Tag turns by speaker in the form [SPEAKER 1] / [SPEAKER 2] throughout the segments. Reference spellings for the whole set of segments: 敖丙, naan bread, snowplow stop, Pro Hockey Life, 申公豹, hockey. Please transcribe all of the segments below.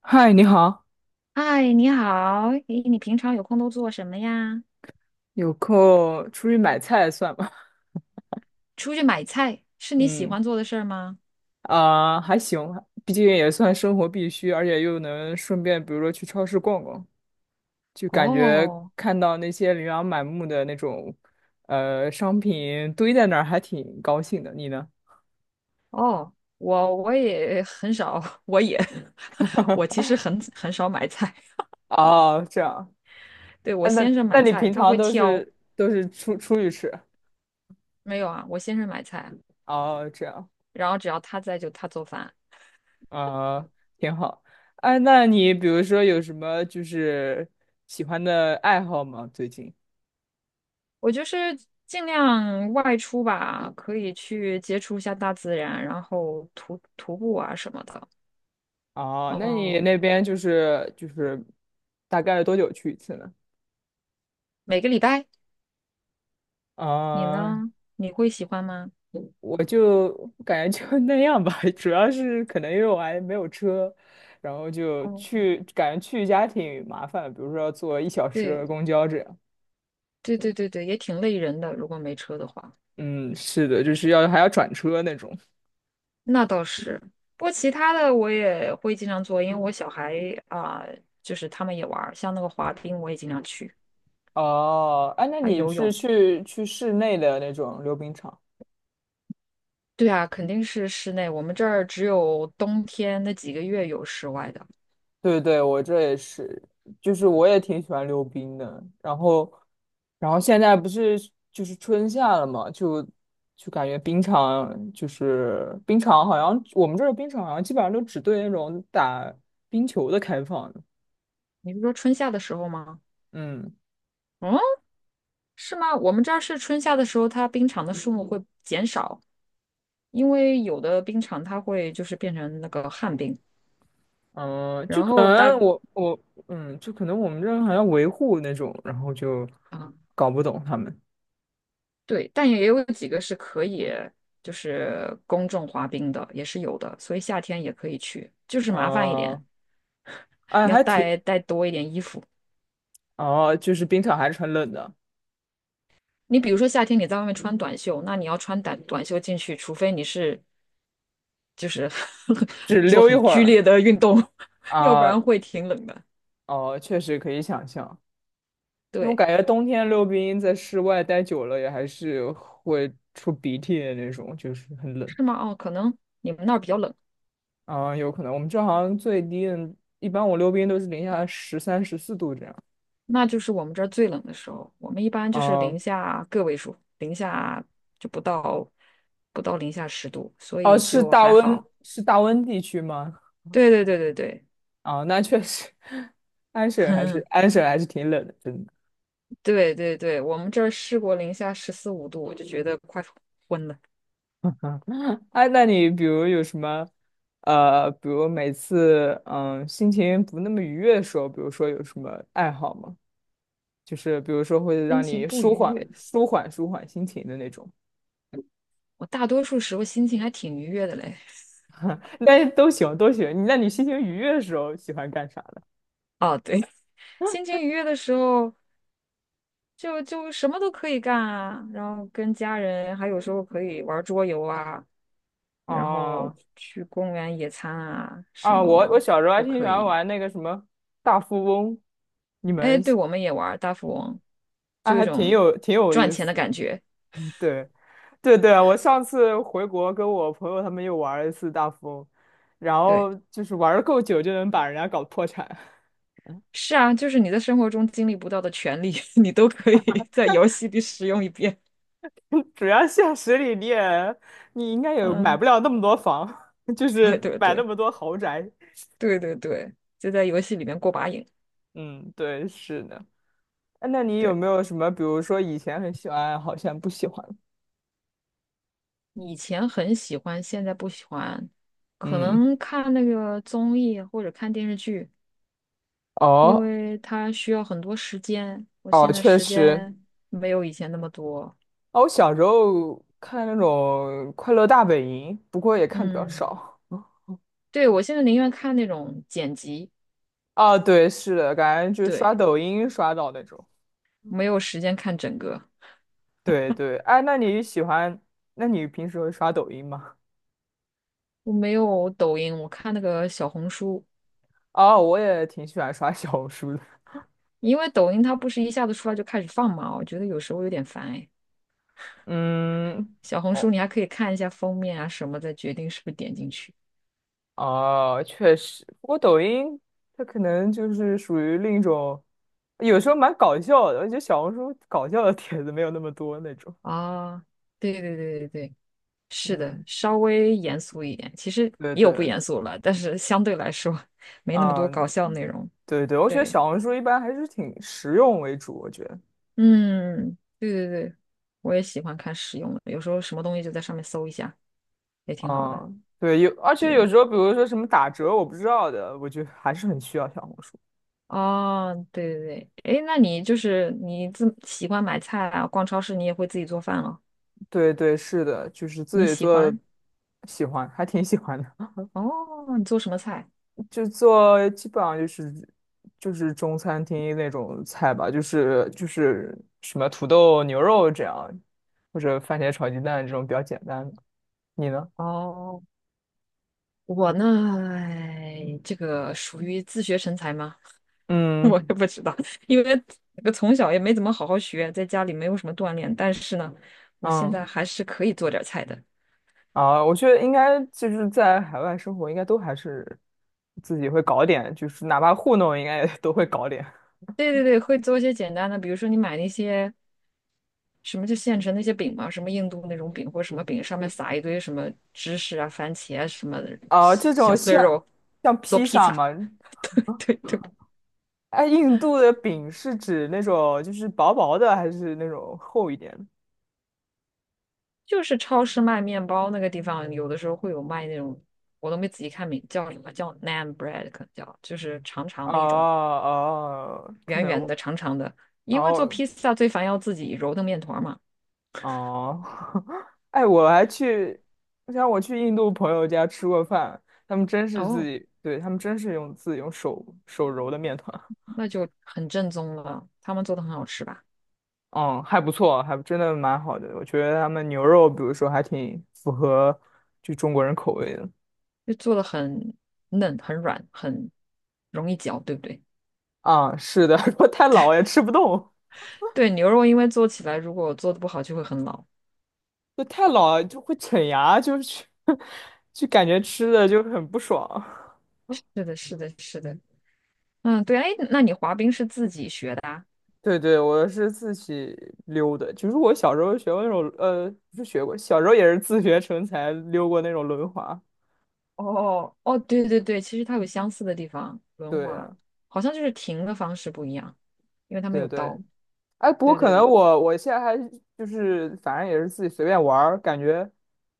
[SPEAKER 1] 嗨，你好，
[SPEAKER 2] 嗨，你好，诶，你平常有空都做什么呀？
[SPEAKER 1] 有空出去买菜算吗？
[SPEAKER 2] 出去买菜是 你喜
[SPEAKER 1] 嗯，
[SPEAKER 2] 欢做的事儿吗？
[SPEAKER 1] 啊、还行，毕竟也算生活必须，而且又能顺便，比如说去超市逛逛，就感觉
[SPEAKER 2] 哦
[SPEAKER 1] 看到那些琳琅满目的那种，商品堆在那儿，还挺高兴的。你呢？
[SPEAKER 2] 哦，我也很少，我也 我其实很少买菜。
[SPEAKER 1] 哦，这样。
[SPEAKER 2] 对，我
[SPEAKER 1] 啊，那
[SPEAKER 2] 先生
[SPEAKER 1] 那
[SPEAKER 2] 买
[SPEAKER 1] 你
[SPEAKER 2] 菜，
[SPEAKER 1] 平
[SPEAKER 2] 他
[SPEAKER 1] 常
[SPEAKER 2] 会
[SPEAKER 1] 都
[SPEAKER 2] 挑。
[SPEAKER 1] 是都是出去吃？
[SPEAKER 2] 没有啊，我先生买菜，
[SPEAKER 1] 哦，这样。
[SPEAKER 2] 然后只要他在就他做饭。
[SPEAKER 1] 啊，挺好。哎，那你比如说有什么就是喜欢的爱好吗？最近？
[SPEAKER 2] 我就是尽量外出吧，可以去接触一下大自然，然后徒步啊什么的。
[SPEAKER 1] 哦，那你
[SPEAKER 2] 哦，
[SPEAKER 1] 那边就是大概多久去一次呢？
[SPEAKER 2] 每个礼拜，你
[SPEAKER 1] 啊，
[SPEAKER 2] 呢？你会喜欢吗？
[SPEAKER 1] 我就感觉就 那样吧，主要是可能因为我还没有车，然后就
[SPEAKER 2] 哦。
[SPEAKER 1] 去感觉去一家挺麻烦的，比如说要坐1小时
[SPEAKER 2] 对
[SPEAKER 1] 的公交这样。
[SPEAKER 2] 对对对对，也挺累人的，如果没车的话，
[SPEAKER 1] 嗯，是的，就是要还要转车那种。
[SPEAKER 2] 那倒是。不过其他的我也会经常做，因为我小孩啊、就是他们也玩儿，像那个滑冰我也经常去，
[SPEAKER 1] 哦，哎，那
[SPEAKER 2] 还
[SPEAKER 1] 你
[SPEAKER 2] 游
[SPEAKER 1] 是
[SPEAKER 2] 泳。
[SPEAKER 1] 去室内的那种溜冰场？
[SPEAKER 2] 对啊，肯定是室内，我们这儿只有冬天那几个月有室外的。
[SPEAKER 1] 对对，我这也是，就是我也挺喜欢溜冰的。然后，然后现在不是就是春夏了嘛，就感觉冰场就是冰场，好像我们这儿冰场好像基本上都只对那种打冰球的开放。
[SPEAKER 2] 你是说春夏的时候吗？
[SPEAKER 1] 嗯
[SPEAKER 2] 嗯，是吗？我们这儿是春夏的时候，它冰场的数目会减少，因为有的冰场它会就是变成那个旱冰，
[SPEAKER 1] 嗯，就
[SPEAKER 2] 然
[SPEAKER 1] 可
[SPEAKER 2] 后
[SPEAKER 1] 能
[SPEAKER 2] 大
[SPEAKER 1] 我就可能我们这儿好像维护那种，然后就
[SPEAKER 2] 啊、
[SPEAKER 1] 搞不懂他们。
[SPEAKER 2] 对，但也有几个是可以就是公众滑冰的，也是有的，所以夏天也可以去，就是麻烦一点，
[SPEAKER 1] 哦、哎，
[SPEAKER 2] 你要
[SPEAKER 1] 还挺。
[SPEAKER 2] 带多一点衣服。
[SPEAKER 1] 哦，就是冰场还是很冷的，
[SPEAKER 2] 你比如说夏天你在外面穿短袖，那你要穿短袖进去，除非你是就是
[SPEAKER 1] 只
[SPEAKER 2] 做
[SPEAKER 1] 溜一
[SPEAKER 2] 很
[SPEAKER 1] 会
[SPEAKER 2] 剧
[SPEAKER 1] 儿。
[SPEAKER 2] 烈的运动，要不
[SPEAKER 1] 啊，
[SPEAKER 2] 然会挺冷的。
[SPEAKER 1] 哦，确实可以想象，因为我
[SPEAKER 2] 对，
[SPEAKER 1] 感觉冬天溜冰在室外待久了也还是会出鼻涕的那种，就是很冷。
[SPEAKER 2] 是吗？哦，可能你们那儿比较冷。
[SPEAKER 1] 啊、有可能我们这好像最低的，一般我溜冰都是零下13、14度这样。
[SPEAKER 2] 那就是我们这儿最冷的时候，我们一般就是
[SPEAKER 1] 啊、
[SPEAKER 2] 零下个位数，零下就不到不到零下10度，所
[SPEAKER 1] 哦，
[SPEAKER 2] 以
[SPEAKER 1] 是
[SPEAKER 2] 就
[SPEAKER 1] 大
[SPEAKER 2] 还
[SPEAKER 1] 温，
[SPEAKER 2] 好。
[SPEAKER 1] 是大温地区吗？
[SPEAKER 2] 对对对对对，
[SPEAKER 1] 啊、那确实，安省还是 安省还是挺冷的，真的。
[SPEAKER 2] 对对对，我们这儿试过零下十四五度，我就觉得快昏了，
[SPEAKER 1] 啊，那你比如有什么，比如每次心情不那么愉悦的时候，比如说有什么爱好吗？就是比如说会
[SPEAKER 2] 心
[SPEAKER 1] 让
[SPEAKER 2] 情
[SPEAKER 1] 你
[SPEAKER 2] 不愉
[SPEAKER 1] 舒缓、
[SPEAKER 2] 悦。
[SPEAKER 1] 舒缓、舒缓心情的那种。
[SPEAKER 2] 我大多数时候心情还挺愉悦的嘞。
[SPEAKER 1] 那是都行，都行。那你心情愉悦的时候喜欢干啥的？
[SPEAKER 2] 哦，对，心情愉悦的时候就什么都可以干啊，然后跟家人，还有时候可以玩桌游啊，然后
[SPEAKER 1] 啊
[SPEAKER 2] 去公园野餐啊，什
[SPEAKER 1] 啊，我
[SPEAKER 2] 么
[SPEAKER 1] 小时候还
[SPEAKER 2] 都
[SPEAKER 1] 挺喜
[SPEAKER 2] 可
[SPEAKER 1] 欢
[SPEAKER 2] 以。
[SPEAKER 1] 玩那个什么大富翁，你
[SPEAKER 2] 哎，
[SPEAKER 1] 们
[SPEAKER 2] 对，我们也玩儿大富翁，
[SPEAKER 1] 啊
[SPEAKER 2] 就有一
[SPEAKER 1] 还挺
[SPEAKER 2] 种
[SPEAKER 1] 有挺有
[SPEAKER 2] 赚
[SPEAKER 1] 意
[SPEAKER 2] 钱
[SPEAKER 1] 思
[SPEAKER 2] 的
[SPEAKER 1] 的。
[SPEAKER 2] 感觉。
[SPEAKER 1] 嗯，对对对啊，我上次回国跟我朋友他们又玩了一次大富翁，然
[SPEAKER 2] 对，
[SPEAKER 1] 后就是玩的够久就能把人家搞破产。
[SPEAKER 2] 是啊，就是你在生活中经历不到的权利，你都可以在游戏里使用一遍。
[SPEAKER 1] 主要现实里你应该也买
[SPEAKER 2] 嗯，
[SPEAKER 1] 不了那么多房，就是
[SPEAKER 2] 对对
[SPEAKER 1] 买那
[SPEAKER 2] 对
[SPEAKER 1] 么多豪宅。
[SPEAKER 2] 对对对，就在游戏里面过把瘾。
[SPEAKER 1] 嗯，对，是的。哎，那你有
[SPEAKER 2] 对，
[SPEAKER 1] 没有什么，比如说以前很喜欢，好像不喜欢？
[SPEAKER 2] 以前很喜欢，现在不喜欢，可
[SPEAKER 1] 嗯，
[SPEAKER 2] 能看那个综艺或者看电视剧。因
[SPEAKER 1] 哦，
[SPEAKER 2] 为它需要很多时间，我
[SPEAKER 1] 哦，
[SPEAKER 2] 现在
[SPEAKER 1] 确
[SPEAKER 2] 时
[SPEAKER 1] 实。
[SPEAKER 2] 间没有以前那么多。
[SPEAKER 1] 哦，我小时候看那种《快乐大本营》，不过也看比较
[SPEAKER 2] 嗯，
[SPEAKER 1] 少。
[SPEAKER 2] 对，我现在宁愿看那种剪辑，
[SPEAKER 1] 啊，对，是的，感觉就刷
[SPEAKER 2] 对，
[SPEAKER 1] 抖音刷到那种。
[SPEAKER 2] 没有时间看整个。
[SPEAKER 1] 对对，哎，那你喜欢？那你平时会刷抖音吗？
[SPEAKER 2] 我没有抖音，我看那个小红书，
[SPEAKER 1] 哦，我也挺喜欢刷小红书的。
[SPEAKER 2] 因为抖音它不是一下子出来就开始放嘛，我觉得有时候有点烦哎。
[SPEAKER 1] 嗯。
[SPEAKER 2] 小红书你还可以看一下封面啊什么，再决定是不是点进去。
[SPEAKER 1] 哦，确实，不过抖音它可能就是属于另一种，有时候蛮搞笑的。我觉得小红书搞笑的帖子没有那么多那种。
[SPEAKER 2] 啊，对对对对对。是的，
[SPEAKER 1] 嗯，
[SPEAKER 2] 稍微严肃一点，其实
[SPEAKER 1] 对
[SPEAKER 2] 也有不
[SPEAKER 1] 对，
[SPEAKER 2] 严肃了，但是相对来说没那么
[SPEAKER 1] 啊，
[SPEAKER 2] 多搞笑内容。
[SPEAKER 1] 对对，我觉得
[SPEAKER 2] 对，
[SPEAKER 1] 小红书一般还是挺实用为主。我觉得，
[SPEAKER 2] 嗯，对对对，我也喜欢看实用的，有时候什么东西就在上面搜一下，也挺好的。
[SPEAKER 1] 嗯，对，有，而且有
[SPEAKER 2] 对，
[SPEAKER 1] 时候比如说什么打折我不知道的，我觉得还是很需要小红书。
[SPEAKER 2] 哦，对对对，哎，那你就是你自喜欢买菜啊，逛超市你也会自己做饭了？
[SPEAKER 1] 对对，是的，就是自
[SPEAKER 2] 你
[SPEAKER 1] 己
[SPEAKER 2] 喜
[SPEAKER 1] 做，
[SPEAKER 2] 欢？
[SPEAKER 1] 喜欢，还挺喜欢的。
[SPEAKER 2] 哦，你做什么菜？
[SPEAKER 1] 就做基本上就是中餐厅那种菜吧，就是什么土豆牛肉这样，或者番茄炒鸡蛋这种比较简单的。你呢？
[SPEAKER 2] 哦，我呢，哎这个属于自学成才吗？
[SPEAKER 1] 嗯
[SPEAKER 2] 我也不知道，因为我从小也没怎么好好学，在家里没有什么锻炼。但是呢，我现
[SPEAKER 1] 嗯
[SPEAKER 2] 在还是可以做点儿菜的。
[SPEAKER 1] 啊，我觉得应该就是在海外生活，应该都还是自己会搞点，就是哪怕糊弄，应该也都会搞点。
[SPEAKER 2] 对对对，会做一些简单的，比如说你买那些什么就现成那些饼嘛，什么印度那种饼或者什么饼，上面撒一堆什么芝士啊、番茄啊什么的
[SPEAKER 1] 啊，这
[SPEAKER 2] 小
[SPEAKER 1] 种
[SPEAKER 2] 碎
[SPEAKER 1] 像
[SPEAKER 2] 肉，
[SPEAKER 1] 像
[SPEAKER 2] 做
[SPEAKER 1] 披
[SPEAKER 2] 披
[SPEAKER 1] 萨
[SPEAKER 2] 萨。
[SPEAKER 1] 嘛，
[SPEAKER 2] 对对对，
[SPEAKER 1] 哎，印度的饼是指那种就是薄薄的，还是那种厚一点的？
[SPEAKER 2] 就是超市卖面包那个地方，有的时候会有卖那种，我都没仔细看名叫什么，叫 naan bread，可能叫就是长长
[SPEAKER 1] 哦
[SPEAKER 2] 的一种。
[SPEAKER 1] 哦，可
[SPEAKER 2] 圆圆
[SPEAKER 1] 能
[SPEAKER 2] 的、长长的，因为做
[SPEAKER 1] 哦
[SPEAKER 2] 披萨最烦要自己揉的面团儿嘛。
[SPEAKER 1] 哦，哎，我想我去印度朋友家吃过饭，他们真是自
[SPEAKER 2] 哦，
[SPEAKER 1] 己，对，他们真是用自己用手揉的面团，
[SPEAKER 2] 那就很正宗了，他们做的很好吃吧？
[SPEAKER 1] 嗯，还不错，还真的蛮好的，我觉得他们牛肉，比如说还挺符合就中国人口味的，
[SPEAKER 2] 就做的很嫩、很软、很容易嚼，对不对？
[SPEAKER 1] 啊、是的，如果太老也吃不动，
[SPEAKER 2] 对，牛肉因为做起来如果做的不好就会很老。
[SPEAKER 1] 就太老就会啃牙，就是 就感觉吃的就很不爽。
[SPEAKER 2] 是的，是的，是的。嗯，对，哎，那你滑冰是自己学的啊？
[SPEAKER 1] 对对，我是自己溜的，就是我小时候学过那种，不是学过，小时候也是自学成才溜过那种轮滑。
[SPEAKER 2] 哦，哦，对对对，其实它有相似的地方，轮滑
[SPEAKER 1] 对
[SPEAKER 2] 好像就是停的方式不一样，因为它没
[SPEAKER 1] 对
[SPEAKER 2] 有
[SPEAKER 1] 对，
[SPEAKER 2] 刀。
[SPEAKER 1] 哎，不过
[SPEAKER 2] 对
[SPEAKER 1] 可
[SPEAKER 2] 对
[SPEAKER 1] 能
[SPEAKER 2] 对，
[SPEAKER 1] 我现在还就是反正也是自己随便玩儿，感觉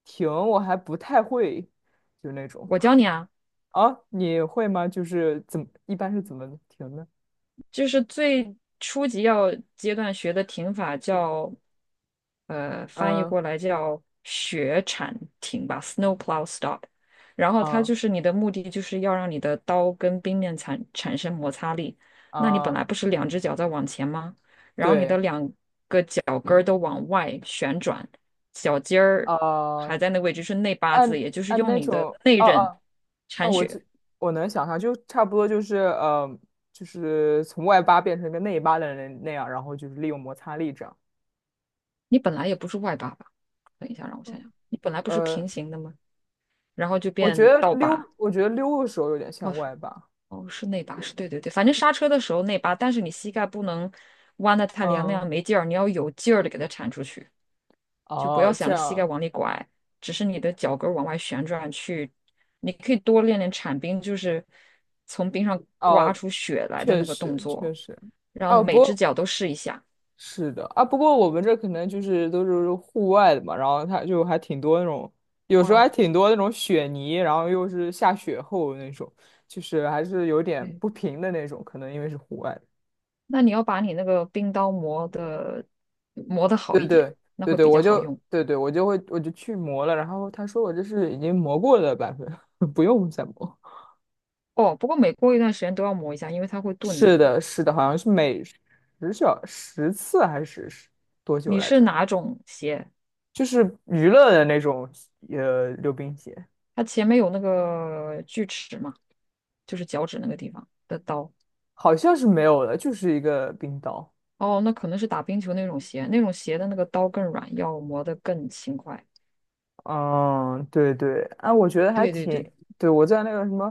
[SPEAKER 1] 停我还不太会，就那种
[SPEAKER 2] 我教你啊。
[SPEAKER 1] 啊，你会吗？就是一般是怎么停的？
[SPEAKER 2] 就是最初级要阶段学的停法叫，翻译
[SPEAKER 1] 嗯
[SPEAKER 2] 过来叫雪铲停吧，snowplow stop。然后它
[SPEAKER 1] 啊
[SPEAKER 2] 就是你的目的就是要让你的刀跟冰面产生摩擦力。那你本
[SPEAKER 1] 啊，
[SPEAKER 2] 来不是两只脚在往前吗？然后你
[SPEAKER 1] 对
[SPEAKER 2] 的两个脚跟儿都往外旋转，脚尖儿还
[SPEAKER 1] 啊，
[SPEAKER 2] 在那个位置是内八字，
[SPEAKER 1] 按
[SPEAKER 2] 也就是
[SPEAKER 1] 按
[SPEAKER 2] 用
[SPEAKER 1] 那
[SPEAKER 2] 你的
[SPEAKER 1] 种，
[SPEAKER 2] 内
[SPEAKER 1] 哦
[SPEAKER 2] 刃
[SPEAKER 1] 哦哦，
[SPEAKER 2] 铲
[SPEAKER 1] 我
[SPEAKER 2] 雪。
[SPEAKER 1] 这我能想象，就差不多就是从外八变成一个内八的人那样，然后就是利用摩擦力这样。
[SPEAKER 2] 你本来也不是外八吧？等一下，让我想
[SPEAKER 1] 嗯，
[SPEAKER 2] 想，你本来不是
[SPEAKER 1] 呃，
[SPEAKER 2] 平行的吗？然后就
[SPEAKER 1] 我觉
[SPEAKER 2] 变
[SPEAKER 1] 得
[SPEAKER 2] 倒
[SPEAKER 1] 溜，
[SPEAKER 2] 八，
[SPEAKER 1] 我觉得溜的时候有点像
[SPEAKER 2] 哦
[SPEAKER 1] 外八。
[SPEAKER 2] 哦，是内八，是对对对，反正刹车的时候内八，但是你膝盖不能弯的太厉害，那
[SPEAKER 1] 嗯，
[SPEAKER 2] 样没劲儿，你要有劲儿的给它铲出去，就不要
[SPEAKER 1] 哦，
[SPEAKER 2] 想
[SPEAKER 1] 这
[SPEAKER 2] 着膝盖
[SPEAKER 1] 样，
[SPEAKER 2] 往里拐，只是你的脚跟儿往外旋转去，你可以多练练铲冰，就是从冰上刮
[SPEAKER 1] 哦，
[SPEAKER 2] 出血来的
[SPEAKER 1] 确
[SPEAKER 2] 那个动
[SPEAKER 1] 实确
[SPEAKER 2] 作，
[SPEAKER 1] 实。
[SPEAKER 2] 然后
[SPEAKER 1] 哦，不
[SPEAKER 2] 每只
[SPEAKER 1] 过
[SPEAKER 2] 脚都试一下，
[SPEAKER 1] 是的啊，不过我们这可能就是都是户外的嘛，然后它就还挺多那种，有时
[SPEAKER 2] 花
[SPEAKER 1] 候还
[SPEAKER 2] 了，
[SPEAKER 1] 挺多那种雪泥，然后又是下雪后那种，就是还是有点
[SPEAKER 2] 嗯。
[SPEAKER 1] 不平的那种，可能因为是户外的
[SPEAKER 2] 那你要把你那个冰刀磨的好
[SPEAKER 1] 对
[SPEAKER 2] 一点，
[SPEAKER 1] 对
[SPEAKER 2] 那
[SPEAKER 1] 对
[SPEAKER 2] 会
[SPEAKER 1] 对，
[SPEAKER 2] 比较好用。
[SPEAKER 1] 对对我就去磨了，然后他说我这是已经磨过的版本，不用再磨。
[SPEAKER 2] 哦，不过每过一段时间都要磨一下，因为它会钝的。
[SPEAKER 1] 是的，是的，好像是每十小十次还是十多久
[SPEAKER 2] 你
[SPEAKER 1] 来
[SPEAKER 2] 是
[SPEAKER 1] 着？
[SPEAKER 2] 哪种鞋？
[SPEAKER 1] 就是娱乐的那种溜冰鞋。
[SPEAKER 2] 它前面有那个锯齿嘛，就是脚趾那个地方的刀。
[SPEAKER 1] 好像是没有的，就是一个冰岛。
[SPEAKER 2] 哦，那可能是打冰球那种鞋，那种鞋的那个刀更软，要磨得更勤快。
[SPEAKER 1] 嗯，对对，哎、我觉得还
[SPEAKER 2] 对对
[SPEAKER 1] 挺，
[SPEAKER 2] 对，
[SPEAKER 1] 对，我在那个什么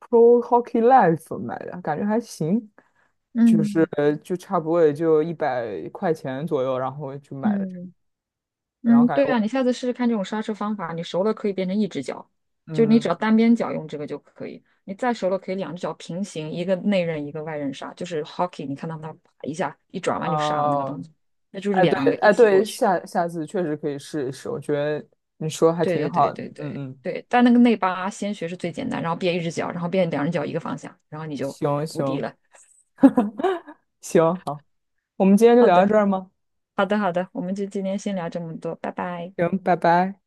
[SPEAKER 1] Pro Hockey Life 买的，感觉还行，就是
[SPEAKER 2] 嗯
[SPEAKER 1] 就差不多也就100块钱左右，然后就买了这个
[SPEAKER 2] 嗯。
[SPEAKER 1] 然后
[SPEAKER 2] 嗯，
[SPEAKER 1] 感
[SPEAKER 2] 对
[SPEAKER 1] 觉，
[SPEAKER 2] 啊，你下次试试看这种刹车方法，你熟了可以变成一只脚，就你只要
[SPEAKER 1] 嗯，
[SPEAKER 2] 单边脚用这个就可以。你再熟了可以两只脚平行，一个内刃一个外刃刹，就是 hockey，你看到那啪一下一转弯就刹的那个动
[SPEAKER 1] 哦、
[SPEAKER 2] 作，那就是
[SPEAKER 1] 哎
[SPEAKER 2] 两
[SPEAKER 1] 对，
[SPEAKER 2] 个一
[SPEAKER 1] 哎
[SPEAKER 2] 起
[SPEAKER 1] 对，
[SPEAKER 2] 过去。
[SPEAKER 1] 下次确实可以试一试，我觉得你说还
[SPEAKER 2] 对
[SPEAKER 1] 挺
[SPEAKER 2] 对对
[SPEAKER 1] 好的，
[SPEAKER 2] 对
[SPEAKER 1] 嗯
[SPEAKER 2] 对
[SPEAKER 1] 嗯，
[SPEAKER 2] 对，但那个内八先学是最简单，然后变一只脚，然后变两只脚一个方向，然后你就
[SPEAKER 1] 行
[SPEAKER 2] 无敌
[SPEAKER 1] 行
[SPEAKER 2] 了。
[SPEAKER 1] 行，好，我们今天就
[SPEAKER 2] 好
[SPEAKER 1] 聊到
[SPEAKER 2] 的，
[SPEAKER 1] 这儿吗？
[SPEAKER 2] 好的，好的，我们就今天先聊这么多，拜拜。
[SPEAKER 1] 行，拜拜。